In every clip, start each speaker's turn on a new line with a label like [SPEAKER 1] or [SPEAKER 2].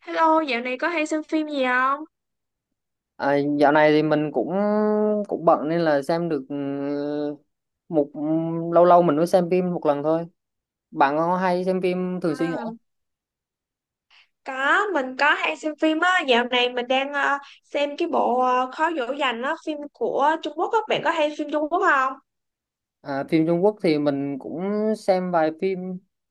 [SPEAKER 1] Hello, dạo này có hay xem phim gì không?
[SPEAKER 2] À, dạo này thì mình cũng cũng bận nên là xem được một lâu lâu mình mới xem phim một lần thôi. Bạn có hay xem phim thường xuyên hả?
[SPEAKER 1] À, có mình có hay xem phim á. Dạo này mình đang xem cái bộ Khó dỗ dành á, phim của Trung Quốc á. Bạn có hay phim Trung Quốc không?
[SPEAKER 2] À, phim Trung Quốc thì mình cũng xem vài phim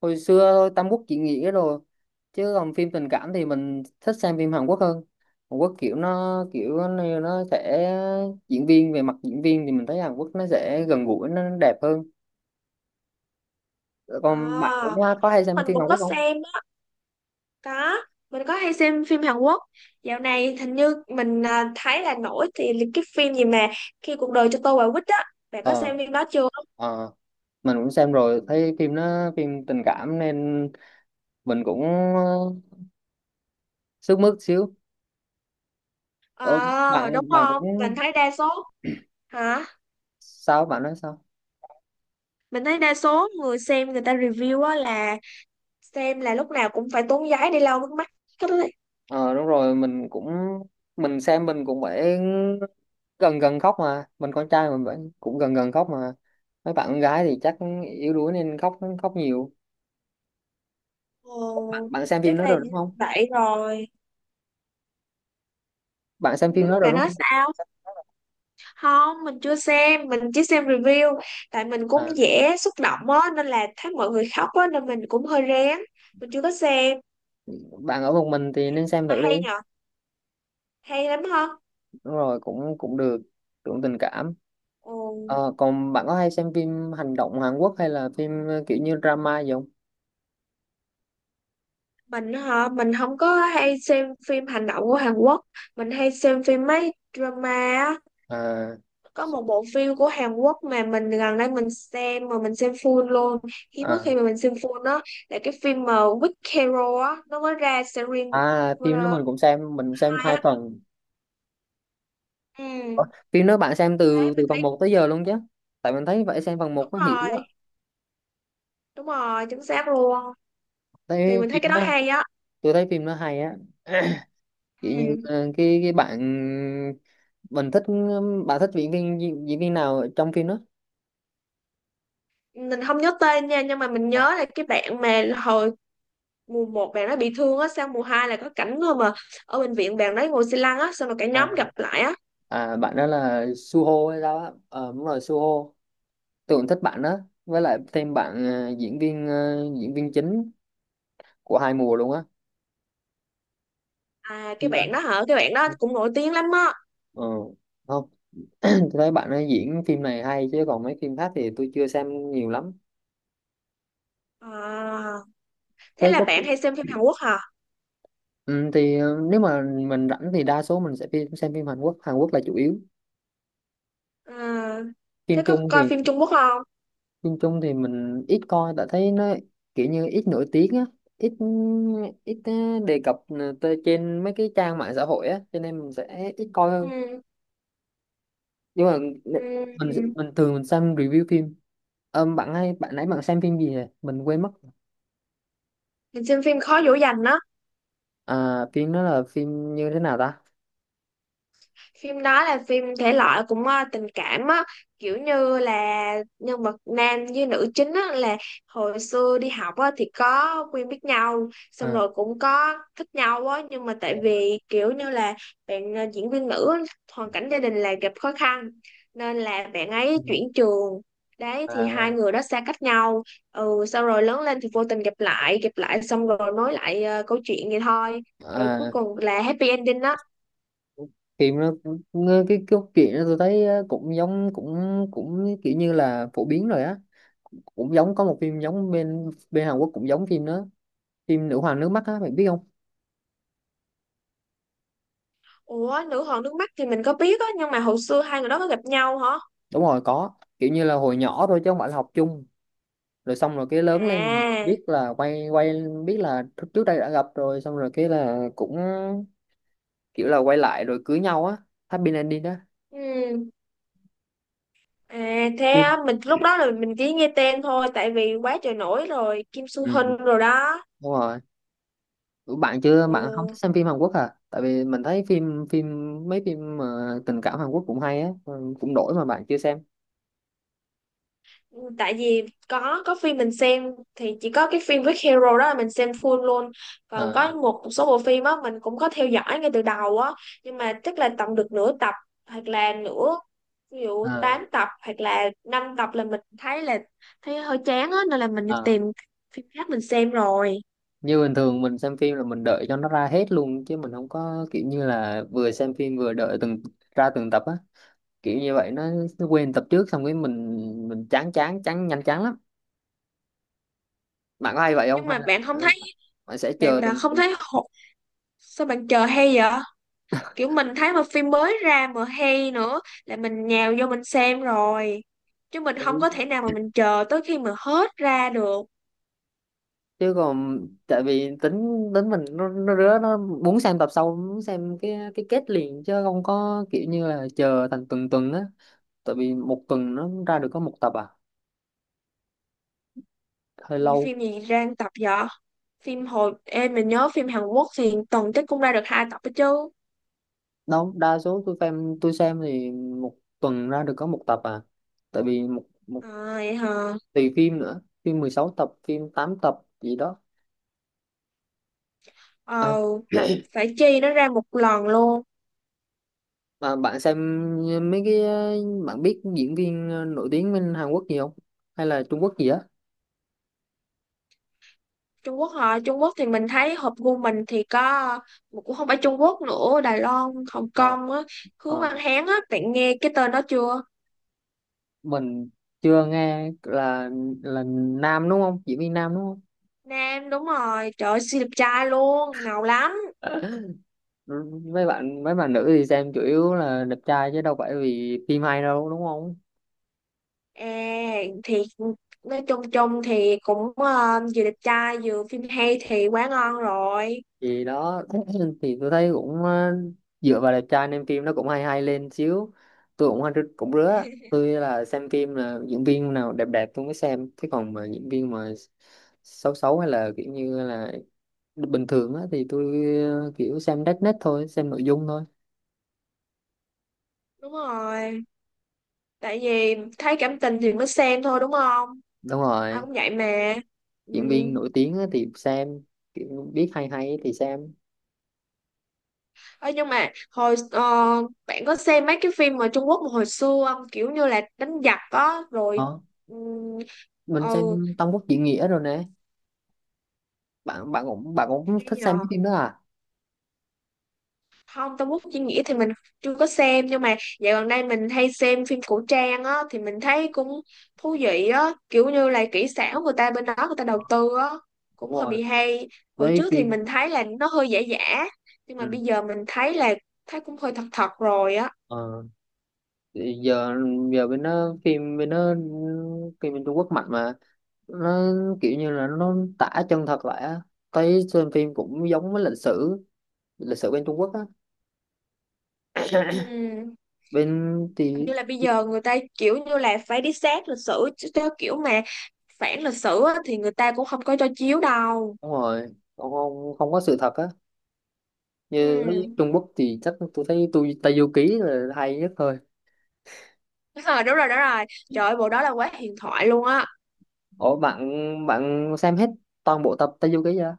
[SPEAKER 2] hồi xưa thôi, Tam Quốc diễn nghĩa rồi. Chứ còn phim tình cảm thì mình thích xem phim Hàn Quốc hơn. Hàn Quốc kiểu nó sẽ diễn viên, về mặt diễn viên thì mình thấy Hàn Quốc nó sẽ gần gũi, nó đẹp hơn.
[SPEAKER 1] À,
[SPEAKER 2] Còn bạn cũng có
[SPEAKER 1] Hàn
[SPEAKER 2] hay
[SPEAKER 1] Quốc
[SPEAKER 2] xem
[SPEAKER 1] mình
[SPEAKER 2] phim
[SPEAKER 1] cũng
[SPEAKER 2] Hàn Quốc
[SPEAKER 1] có
[SPEAKER 2] không?
[SPEAKER 1] xem á, có, mình có hay xem phim Hàn Quốc. Dạo này hình như mình thấy là nổi thì là cái phim gì mà khi cuộc đời cho tôi quả quýt á, bạn có
[SPEAKER 2] Ờ.
[SPEAKER 1] xem phim đó chưa?
[SPEAKER 2] Ờ. Mình cũng xem rồi, thấy phim nó phim tình cảm nên mình cũng ờ, sức mướt xíu. ờ,
[SPEAKER 1] Ờ, đúng
[SPEAKER 2] bạn bạn cũng,
[SPEAKER 1] không? Mình thấy đa số. Hả?
[SPEAKER 2] sao bạn nói sao?
[SPEAKER 1] Mình thấy đa số người xem, người ta review á, là xem là lúc nào cũng phải tốn giấy đi lau nước mắt hết đấy.
[SPEAKER 2] Ờ đúng rồi, mình cũng, mình xem mình cũng phải gần gần khóc mà, mình con trai mình vẫn cũng gần gần khóc mà, mấy bạn con gái thì chắc yếu đuối nên khóc khóc nhiều. bạn,
[SPEAKER 1] Ồ,
[SPEAKER 2] bạn xem phim
[SPEAKER 1] chắc
[SPEAKER 2] đó
[SPEAKER 1] là
[SPEAKER 2] rồi đúng không?
[SPEAKER 1] vậy rồi.
[SPEAKER 2] Bạn xem
[SPEAKER 1] Ừ,
[SPEAKER 2] phim đó rồi
[SPEAKER 1] bạn
[SPEAKER 2] đúng
[SPEAKER 1] nói
[SPEAKER 2] không?
[SPEAKER 1] sao? Không, mình chưa xem, mình chỉ xem review, tại mình
[SPEAKER 2] À,
[SPEAKER 1] cũng dễ xúc động á, nên là thấy mọi người khóc á nên mình cũng hơi rén. Mình chưa có xem.
[SPEAKER 2] bạn ở một mình thì nên xem
[SPEAKER 1] Mà
[SPEAKER 2] thử đi.
[SPEAKER 1] hay nhở, hay lắm hả?
[SPEAKER 2] Đúng rồi, cũng cũng được, cũng tình cảm.
[SPEAKER 1] Ồ,
[SPEAKER 2] Ờ, còn bạn có hay xem phim hành động Hàn Quốc hay là phim kiểu như drama gì không?
[SPEAKER 1] mình hả? Mình không có hay xem phim hành động của Hàn Quốc, mình hay xem phim mấy drama á.
[SPEAKER 2] À,
[SPEAKER 1] Có một bộ phim của Hàn Quốc mà mình gần đây mình xem mà mình xem full luôn, hiếm có
[SPEAKER 2] à,
[SPEAKER 1] khi mà mình xem full đó, là cái phim mà Weak Hero á, nó mới ra series.
[SPEAKER 2] à
[SPEAKER 1] uh,
[SPEAKER 2] phim đó mình cũng xem, mình xem
[SPEAKER 1] Hai
[SPEAKER 2] hai
[SPEAKER 1] á.
[SPEAKER 2] phần.
[SPEAKER 1] Ừ.
[SPEAKER 2] Ủa, phim đó bạn xem
[SPEAKER 1] Đấy
[SPEAKER 2] từ từ
[SPEAKER 1] mình
[SPEAKER 2] phần
[SPEAKER 1] thấy,
[SPEAKER 2] một tới giờ luôn chứ? Tại mình thấy vậy, xem phần một
[SPEAKER 1] đúng
[SPEAKER 2] có hiểu
[SPEAKER 1] rồi,
[SPEAKER 2] á.
[SPEAKER 1] đúng rồi, chính xác luôn, thì
[SPEAKER 2] Thấy
[SPEAKER 1] mình thấy
[SPEAKER 2] phim
[SPEAKER 1] cái đó
[SPEAKER 2] đó,
[SPEAKER 1] hay á.
[SPEAKER 2] tôi thấy phim đó hay á. Kiểu như
[SPEAKER 1] Ừ.
[SPEAKER 2] cái bạn mình thích, bạn thích diễn viên nào ở trong phim đó?
[SPEAKER 1] Mình không nhớ tên nha, nhưng mà mình
[SPEAKER 2] À,
[SPEAKER 1] nhớ là cái bạn mà hồi mùa 1 bạn nó bị thương á, sang mùa 2 là có cảnh thôi mà, ở bệnh viện bạn đấy ngồi xe lăn á, xong rồi cả nhóm
[SPEAKER 2] à,
[SPEAKER 1] gặp lại á.
[SPEAKER 2] à, bạn đó là Suho hay sao á? Ờ đúng rồi, Suho. Tôi cũng thích bạn đó, với lại thêm bạn diễn viên, diễn viên chính của hai mùa luôn á.
[SPEAKER 1] À, cái
[SPEAKER 2] Chưa.
[SPEAKER 1] bạn đó hả? Cái bạn đó cũng nổi tiếng lắm á.
[SPEAKER 2] Ừ. Không. Tôi thấy bạn ấy diễn phim này hay, chứ còn mấy phim khác thì tôi chưa xem nhiều lắm.
[SPEAKER 1] À, thế
[SPEAKER 2] Thế
[SPEAKER 1] là
[SPEAKER 2] có,
[SPEAKER 1] bạn hay xem phim Hàn Quốc hả?
[SPEAKER 2] ừ, thì nếu mà mình rảnh thì đa số mình sẽ phim, xem phim Hàn Quốc, Hàn Quốc là chủ yếu.
[SPEAKER 1] À, thế
[SPEAKER 2] Phim
[SPEAKER 1] có
[SPEAKER 2] Trung
[SPEAKER 1] coi
[SPEAKER 2] thì,
[SPEAKER 1] phim Trung Quốc không?
[SPEAKER 2] phim Trung thì mình ít coi tại thấy nó kiểu như ít nổi tiếng á, ít, ít đề cập tới trên mấy cái trang mạng xã hội á, cho nên mình sẽ ít coi.
[SPEAKER 1] Ừ.
[SPEAKER 2] Nhưng mà
[SPEAKER 1] Ừ.
[SPEAKER 2] mình mình thường mình xem review phim. Ờ, bạn hay, bạn nãy bạn xem phim gì vậy, mình quên mất.
[SPEAKER 1] Mình xem phim khó dỗ dành á.
[SPEAKER 2] À phim đó là phim như thế nào ta?
[SPEAKER 1] Phim đó là phim thể loại cũng tình cảm á, kiểu như là nhân vật nam với nữ chính á là hồi xưa đi học á thì có quen biết nhau, xong
[SPEAKER 2] À,
[SPEAKER 1] rồi cũng có thích nhau á, nhưng mà tại vì kiểu như là bạn diễn viên nữ á, hoàn cảnh gia đình là gặp khó khăn nên là bạn ấy chuyển trường. Đấy thì
[SPEAKER 2] à,
[SPEAKER 1] hai người đó xa cách nhau. Ừ, sau rồi lớn lên thì vô tình gặp lại, gặp lại xong rồi nói lại câu chuyện vậy thôi, rồi cuối
[SPEAKER 2] à,
[SPEAKER 1] cùng là happy ending á.
[SPEAKER 2] phim nó cũng- nghe cái câu chuyện đó tôi thấy cũng giống, cũng cũng kiểu như là phổ biến rồi á, cũng giống có một phim giống bên bên Hàn Quốc, cũng giống phim đó, phim Nữ hoàng nước mắt á, bạn biết không?
[SPEAKER 1] Ủa, nữ hoàng nước mắt thì mình có biết á, nhưng mà hồi xưa hai người đó có gặp nhau hả?
[SPEAKER 2] Đúng rồi có, kiểu như là hồi nhỏ thôi chứ không phải là học chung, rồi xong rồi cái lớn lên
[SPEAKER 1] À,
[SPEAKER 2] biết là quay quay, biết là trước trước đây đã gặp rồi, xong rồi cái là cũng kiểu là quay lại rồi cưới nhau á, happy ending đó.
[SPEAKER 1] ừ. À thế
[SPEAKER 2] Phim.
[SPEAKER 1] á, mình lúc đó là mình chỉ nghe tên thôi tại vì quá trời nổi rồi, Kim Soo
[SPEAKER 2] Ừ.
[SPEAKER 1] Hyun rồi đó.
[SPEAKER 2] Đúng rồi. Ủa, bạn chưa,
[SPEAKER 1] Ừ.
[SPEAKER 2] bạn không thích xem phim Hàn Quốc à? Tại vì mình thấy phim phim mấy phim mà tình cảm Hàn Quốc cũng hay á, ừ, cũng đổi mà bạn chưa xem.
[SPEAKER 1] Ừ, tại vì có phim mình xem thì chỉ có cái phim với hero đó là mình xem full luôn. Còn
[SPEAKER 2] Ờ.
[SPEAKER 1] có một số bộ phim á mình cũng có theo dõi ngay từ đầu á, nhưng mà chắc là tầm được nửa tập, hoặc là nửa, ví dụ
[SPEAKER 2] Ờ.
[SPEAKER 1] 8 tập hoặc là 5 tập là mình thấy là thấy hơi chán á nên là mình đi
[SPEAKER 2] Ờ.
[SPEAKER 1] tìm phim khác mình xem rồi.
[SPEAKER 2] Như bình thường mình xem phim là mình đợi cho nó ra hết luôn, chứ mình không có kiểu như là vừa xem phim vừa đợi từng ra từng tập á, kiểu như vậy nó quên tập trước xong cái mình chán chán chán, nhanh chán lắm. Bạn có hay vậy không
[SPEAKER 1] Nhưng
[SPEAKER 2] hay
[SPEAKER 1] mà
[SPEAKER 2] là
[SPEAKER 1] bạn không thấy,
[SPEAKER 2] bạn sẽ
[SPEAKER 1] bạn
[SPEAKER 2] chờ
[SPEAKER 1] bạn
[SPEAKER 2] từng
[SPEAKER 1] không
[SPEAKER 2] từng
[SPEAKER 1] thấy hổ- sao bạn chờ hay vậy? Kiểu mình thấy mà phim mới ra mà hay nữa là mình nhào vô mình xem rồi, chứ mình không
[SPEAKER 2] từng-
[SPEAKER 1] có thể nào mà mình chờ tới khi mà hết ra được.
[SPEAKER 2] chứ còn, tại vì tính tính mình nó rứa, nó muốn xem tập sau, muốn xem cái kết liền, chứ không có kiểu như là chờ thành tuần tuần á. Tại vì một tuần nó ra được có một tập à, hơi
[SPEAKER 1] Như
[SPEAKER 2] lâu.
[SPEAKER 1] phim gì ra 1 tập vậy? Phim hồi em mình nhớ phim Hàn Quốc thì tuần chắc cũng ra được 2 tập đó chứ.
[SPEAKER 2] Đâu, đa số tôi xem, tôi xem thì một tuần ra được có một tập à, tại vì một một
[SPEAKER 1] À, vậy hả?
[SPEAKER 2] tùy phim nữa, phim 16 tập, phim 8 tập gì đó. À,
[SPEAKER 1] ờ Phải chi nó ra một lần luôn.
[SPEAKER 2] mà bạn xem mấy cái, bạn biết diễn viên nổi tiếng bên Hàn Quốc gì không? Hay là Trung Quốc gì á?
[SPEAKER 1] Trung Quốc hả? Trung Quốc thì mình thấy hợp gu mình thì có, mà cũng không phải Trung Quốc nữa, Đài Loan Hồng
[SPEAKER 2] À,
[SPEAKER 1] Kông á, Hứa
[SPEAKER 2] ờ,
[SPEAKER 1] Văn Hán á, bạn nghe cái tên đó chưa?
[SPEAKER 2] mình chưa nghe, là nam đúng không? Diễn viên nam đúng không?
[SPEAKER 1] Nam đúng rồi, trời ơi, siêu đẹp trai luôn, ngầu lắm.
[SPEAKER 2] Mấy bạn nữ thì xem chủ yếu là đẹp trai chứ đâu phải vì phim hay đâu đúng không?
[SPEAKER 1] À, thì nói chung chung thì cũng vừa đẹp trai vừa phim hay thì quá ngon rồi.
[SPEAKER 2] Thì đó. Thì tôi thấy cũng dựa vào đẹp trai nên phim nó cũng hay hay lên xíu. Tôi cũng cũng rứa, tôi là xem phim là diễn viên nào đẹp đẹp tôi mới xem, chứ còn mà diễn viên mà xấu xấu hay là kiểu như là bình thường á thì tôi kiểu xem đất nét thôi, xem nội dung thôi.
[SPEAKER 1] Đúng rồi, tại vì thấy cảm tình thì mới xem thôi đúng không?
[SPEAKER 2] Đúng
[SPEAKER 1] Ai
[SPEAKER 2] rồi,
[SPEAKER 1] cũng vậy mà. Ừ.
[SPEAKER 2] diễn viên nổi tiếng á thì xem, kiểu biết hay hay thì xem.
[SPEAKER 1] Ơ, nhưng mà hồi bạn có xem mấy cái phim ở Trung Quốc mà hồi xưa không? Kiểu như là đánh giặc á rồi
[SPEAKER 2] Ờ,
[SPEAKER 1] ừ,
[SPEAKER 2] mình
[SPEAKER 1] ừ,
[SPEAKER 2] xem Tam Quốc Diễn Nghĩa rồi nè. Bạn bạn cũng, bạn cũng
[SPEAKER 1] cái
[SPEAKER 2] thích
[SPEAKER 1] nhỉ?
[SPEAKER 2] xem mấy phim đó à?
[SPEAKER 1] Không, Tông Quốc Diễn Nghĩa thì mình chưa có xem, nhưng mà dạo gần đây mình hay xem phim cổ trang á, thì mình thấy cũng thú vị á, kiểu như là kỹ xảo người ta bên đó người ta đầu
[SPEAKER 2] Ờ,
[SPEAKER 1] tư á,
[SPEAKER 2] đúng
[SPEAKER 1] cũng hơi
[SPEAKER 2] rồi
[SPEAKER 1] bị hay. Hồi
[SPEAKER 2] với
[SPEAKER 1] trước thì
[SPEAKER 2] phim.
[SPEAKER 1] mình thấy là nó hơi giả giả, nhưng mà
[SPEAKER 2] Ừ.
[SPEAKER 1] bây giờ mình thấy là thấy cũng hơi thật thật rồi á.
[SPEAKER 2] Ờ, thì giờ, giờ bên nó phim bên nó, phim bên Trung Quốc mạnh mà, nó kiểu như là nó tả chân thật lại á, thấy xem phim cũng giống với lịch sử, lịch sử bên Trung Quốc á.
[SPEAKER 1] Ừm,
[SPEAKER 2] Bên
[SPEAKER 1] hình như
[SPEAKER 2] thì,
[SPEAKER 1] là bây giờ người ta kiểu như là phải đi sát lịch sử, chứ theo kiểu mà phản lịch sử á thì người ta cũng không có cho chiếu đâu.
[SPEAKER 2] đúng rồi, không không có sự thật á. Như thấy
[SPEAKER 1] Ừm.
[SPEAKER 2] Trung Quốc thì chắc tôi thấy tôi Tây Du Ký là hay nhất thôi.
[SPEAKER 1] Đúng rồi, đúng rồi, đúng rồi, trời ơi, bộ đó là quá huyền thoại luôn á.
[SPEAKER 2] Ủa bạn, bạn xem hết toàn bộ tập Tây Du Ký chưa?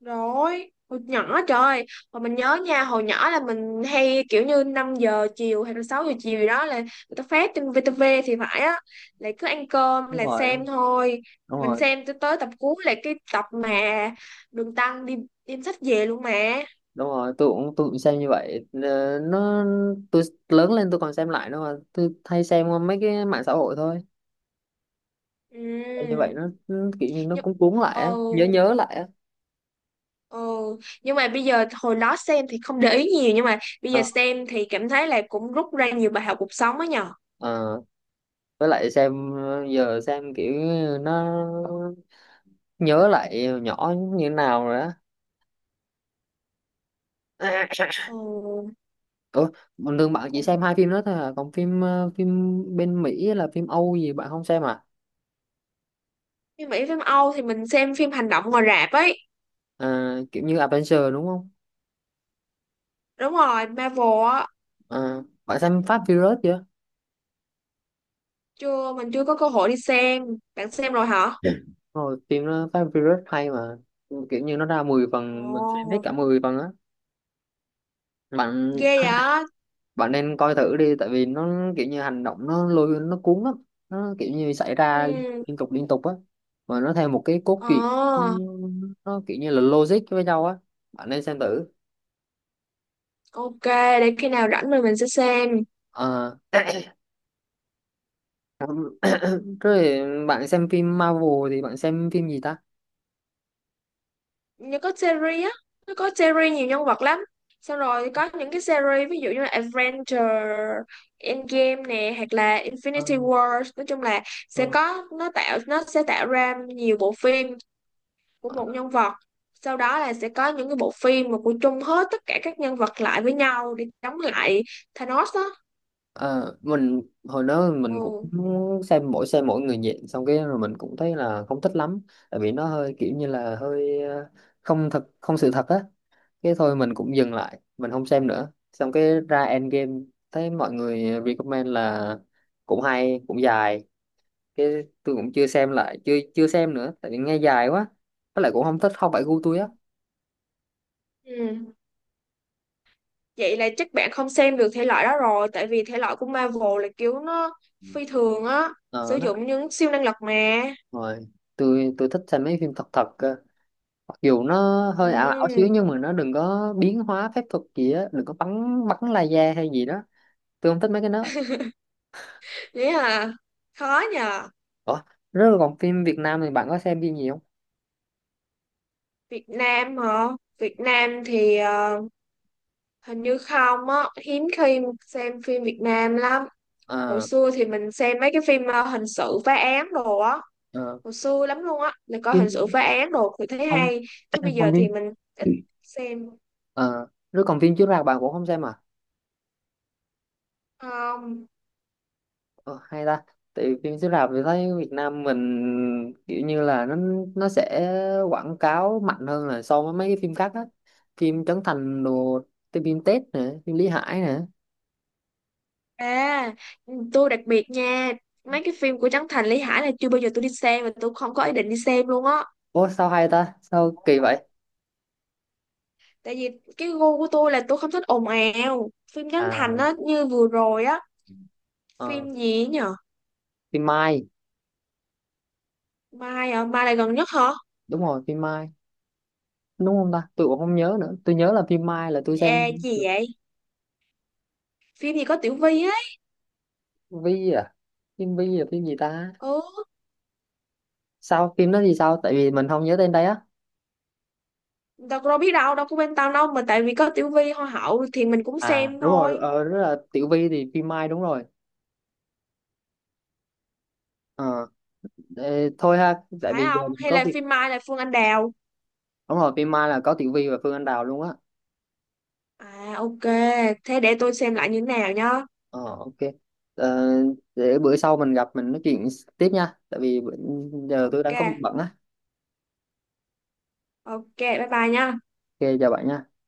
[SPEAKER 1] Rồi, hồi nhỏ trời, hồi mình nhớ nha, hồi nhỏ là mình hay kiểu như 5 giờ chiều hay là 6 giờ chiều gì đó là người ta phát trên VTV thì phải á, lại cứ ăn cơm
[SPEAKER 2] Đúng
[SPEAKER 1] là
[SPEAKER 2] rồi,
[SPEAKER 1] xem
[SPEAKER 2] đúng,
[SPEAKER 1] thôi.
[SPEAKER 2] đúng
[SPEAKER 1] Mình
[SPEAKER 2] rồi,
[SPEAKER 1] xem tới tới tập cuối là cái tập mà Đường Tăng đi đem sách về luôn mà.
[SPEAKER 2] đúng rồi. Tôi cũng xem như vậy. Ờ, nó, tôi lớn lên tôi còn xem lại nữa mà, tôi hay xem qua mấy cái mạng xã hội thôi. Xem như
[SPEAKER 1] Ừ.
[SPEAKER 2] vậy nó kiểu như nó
[SPEAKER 1] Nhưng
[SPEAKER 2] cũng cuốn lại á,
[SPEAKER 1] ờ
[SPEAKER 2] nhớ nhớ lại á.
[SPEAKER 1] ờ nhưng mà bây giờ hồi đó xem thì không để ý nhiều, nhưng mà bây giờ
[SPEAKER 2] Ờ,
[SPEAKER 1] xem thì cảm thấy là cũng rút ra nhiều bài học cuộc sống á nhờ.
[SPEAKER 2] ờ, với lại xem, giờ xem kiểu nó nhớ lại hồi nhỏ như thế nào rồi á. Ủa, bình thường bạn
[SPEAKER 1] Ừ.
[SPEAKER 2] chỉ xem hai phim đó thôi à, còn phim phim bên Mỹ là phim Âu gì bạn không xem à?
[SPEAKER 1] Phim Mỹ phim Âu thì mình xem phim hành động ngoài rạp ấy.
[SPEAKER 2] À kiểu như Avengers đúng không?
[SPEAKER 1] Đúng rồi, Marvel á.
[SPEAKER 2] À, bạn xem Fast Furious chưa?
[SPEAKER 1] Chưa, mình chưa có cơ hội đi xem, bạn xem rồi hả?
[SPEAKER 2] Dạ rồi, phim nó Fast and Furious hay mà, kiểu như nó ra 10 phần, mình xem hết
[SPEAKER 1] Ồ,
[SPEAKER 2] cả 10 phần á. bạn
[SPEAKER 1] ghê vậy.
[SPEAKER 2] bạn nên coi thử đi, tại vì nó kiểu như hành động nó lôi nó cuốn lắm, nó kiểu như xảy ra liên,
[SPEAKER 1] Ừ.
[SPEAKER 2] liên tục liên tục á, mà nó theo một cái cốt truyện, nó,
[SPEAKER 1] ờ
[SPEAKER 2] nó kiểu như là logic với nhau á. Bạn nên xem thử.
[SPEAKER 1] ok, để khi nào rảnh mình sẽ xem.
[SPEAKER 2] Ờ. Rồi, bạn xem phim Marvel thì bạn xem phim gì ta?
[SPEAKER 1] Như có series á, nó có series nhiều nhân vật lắm, xong rồi có những cái series ví dụ như là Adventure, Endgame nè, hoặc là
[SPEAKER 2] Ờ,
[SPEAKER 1] Infinity War, nói chung là sẽ có, nó sẽ tạo ra nhiều bộ phim của
[SPEAKER 2] ờ.
[SPEAKER 1] một nhân vật, sau đó là sẽ có những cái bộ phim mà của chung hết tất cả các nhân vật lại với nhau để chống lại Thanos á.
[SPEAKER 2] Ờ, mình hồi đó mình cũng
[SPEAKER 1] Ừ.
[SPEAKER 2] xem mỗi, xem mỗi người nhện xong cái rồi mình cũng thấy là không thích lắm, tại vì nó hơi kiểu như là hơi không thật, không sự thật á, cái thôi mình cũng dừng lại mình không xem nữa, xong cái ra Endgame, thấy mọi người recommend là cũng hay cũng dài, cái tôi cũng chưa xem lại, chưa chưa xem nữa, tại vì nghe dài quá, với lại cũng không thích, không phải gu tôi á.
[SPEAKER 1] Ừ. Vậy là chắc bạn không xem được thể loại đó rồi, tại vì thể loại của Marvel là kiểu nó phi thường á,
[SPEAKER 2] Ờ
[SPEAKER 1] sử
[SPEAKER 2] đó,
[SPEAKER 1] dụng những siêu năng lực mà.
[SPEAKER 2] rồi, tôi thích xem mấy phim thật thật cơ, mặc dù nó hơi ảo ảo xíu,
[SPEAKER 1] Ừ.
[SPEAKER 2] nhưng mà nó đừng có biến hóa phép thuật gì á, đừng có bắn, bắn laser hay gì đó, tôi không thích mấy cái đó.
[SPEAKER 1] Thế à, khó nhờ.
[SPEAKER 2] Ủa, rất là, còn phim Việt Nam thì bạn có xem phim gì không?
[SPEAKER 1] Việt Nam hả? Việt Nam thì hình như không á, hiếm khi xem phim Việt Nam lắm. Hồi
[SPEAKER 2] Ờ,
[SPEAKER 1] xưa thì mình xem mấy cái phim hình sự phá án đồ á,
[SPEAKER 2] ờ,
[SPEAKER 1] hồi xưa lắm luôn á, là coi hình sự
[SPEAKER 2] phim
[SPEAKER 1] phá án đồ thì thấy
[SPEAKER 2] không.
[SPEAKER 1] hay, chứ bây giờ
[SPEAKER 2] Không phim.
[SPEAKER 1] thì mình ít xem.
[SPEAKER 2] Ờ rồi, còn phim chiếu rạp bạn cũng không xem à?
[SPEAKER 1] Không
[SPEAKER 2] Ờ, hay ta, tại vì phim chiếu rạp thì thấy Việt Nam mình kiểu như là nó sẽ quảng cáo mạnh hơn là so với mấy cái phim khác á, phim Trấn Thành đồ, phim Tết nè, phim Lý Hải nè.
[SPEAKER 1] à, tôi đặc biệt nha, mấy cái phim của Trấn Thành Lý Hải là chưa bao giờ tôi đi xem và tôi không có ý định đi xem luôn á,
[SPEAKER 2] Ủa sao hay ta, sao kỳ vậy?
[SPEAKER 1] tại vì cái gu của tôi là tôi không thích ồn ào phim Trấn Thành
[SPEAKER 2] À
[SPEAKER 1] á, như vừa rồi á,
[SPEAKER 2] Ờ,
[SPEAKER 1] phim gì ấy nhở?
[SPEAKER 2] phim Mai
[SPEAKER 1] Mai à, Mai là gần nhất hả?
[SPEAKER 2] đúng rồi, phim Mai đúng không ta, tôi cũng không nhớ nữa, tôi nhớ là phim Mai là tôi xem
[SPEAKER 1] À,
[SPEAKER 2] được.
[SPEAKER 1] gì vậy? Phim gì có Tiểu Vy ấy.
[SPEAKER 2] Vi à, phim Vi là phim gì ta?
[SPEAKER 1] Ừ.
[SPEAKER 2] Sao phim đó thì sao, tại vì mình không nhớ tên đấy á.
[SPEAKER 1] Đâu có biết đâu, đâu có bên tao đâu, mà tại vì có Tiểu Vy hoa hậu thì mình cũng
[SPEAKER 2] À
[SPEAKER 1] xem
[SPEAKER 2] đúng rồi,
[SPEAKER 1] thôi.
[SPEAKER 2] ờ rất là Tiểu Vi thì phim Mai đúng rồi. Ờ, ê, thôi ha, tại
[SPEAKER 1] Phải
[SPEAKER 2] vì giờ
[SPEAKER 1] không,
[SPEAKER 2] mình
[SPEAKER 1] hay
[SPEAKER 2] có
[SPEAKER 1] là
[SPEAKER 2] việc.
[SPEAKER 1] phim Mai là Phương Anh Đào?
[SPEAKER 2] Đúng rồi, phim Mai là có Tiểu Vi và Phương Anh Đào luôn á.
[SPEAKER 1] À, ok, thế để tôi xem lại như thế nào nhá.
[SPEAKER 2] Ờ ok. Ờ, để bữa sau mình gặp mình nói chuyện tiếp nha, tại vì bữa- giờ tôi
[SPEAKER 1] Ok,
[SPEAKER 2] đang có việc bận á.
[SPEAKER 1] ok, bye bye nhá.
[SPEAKER 2] Ok chào bạn nha.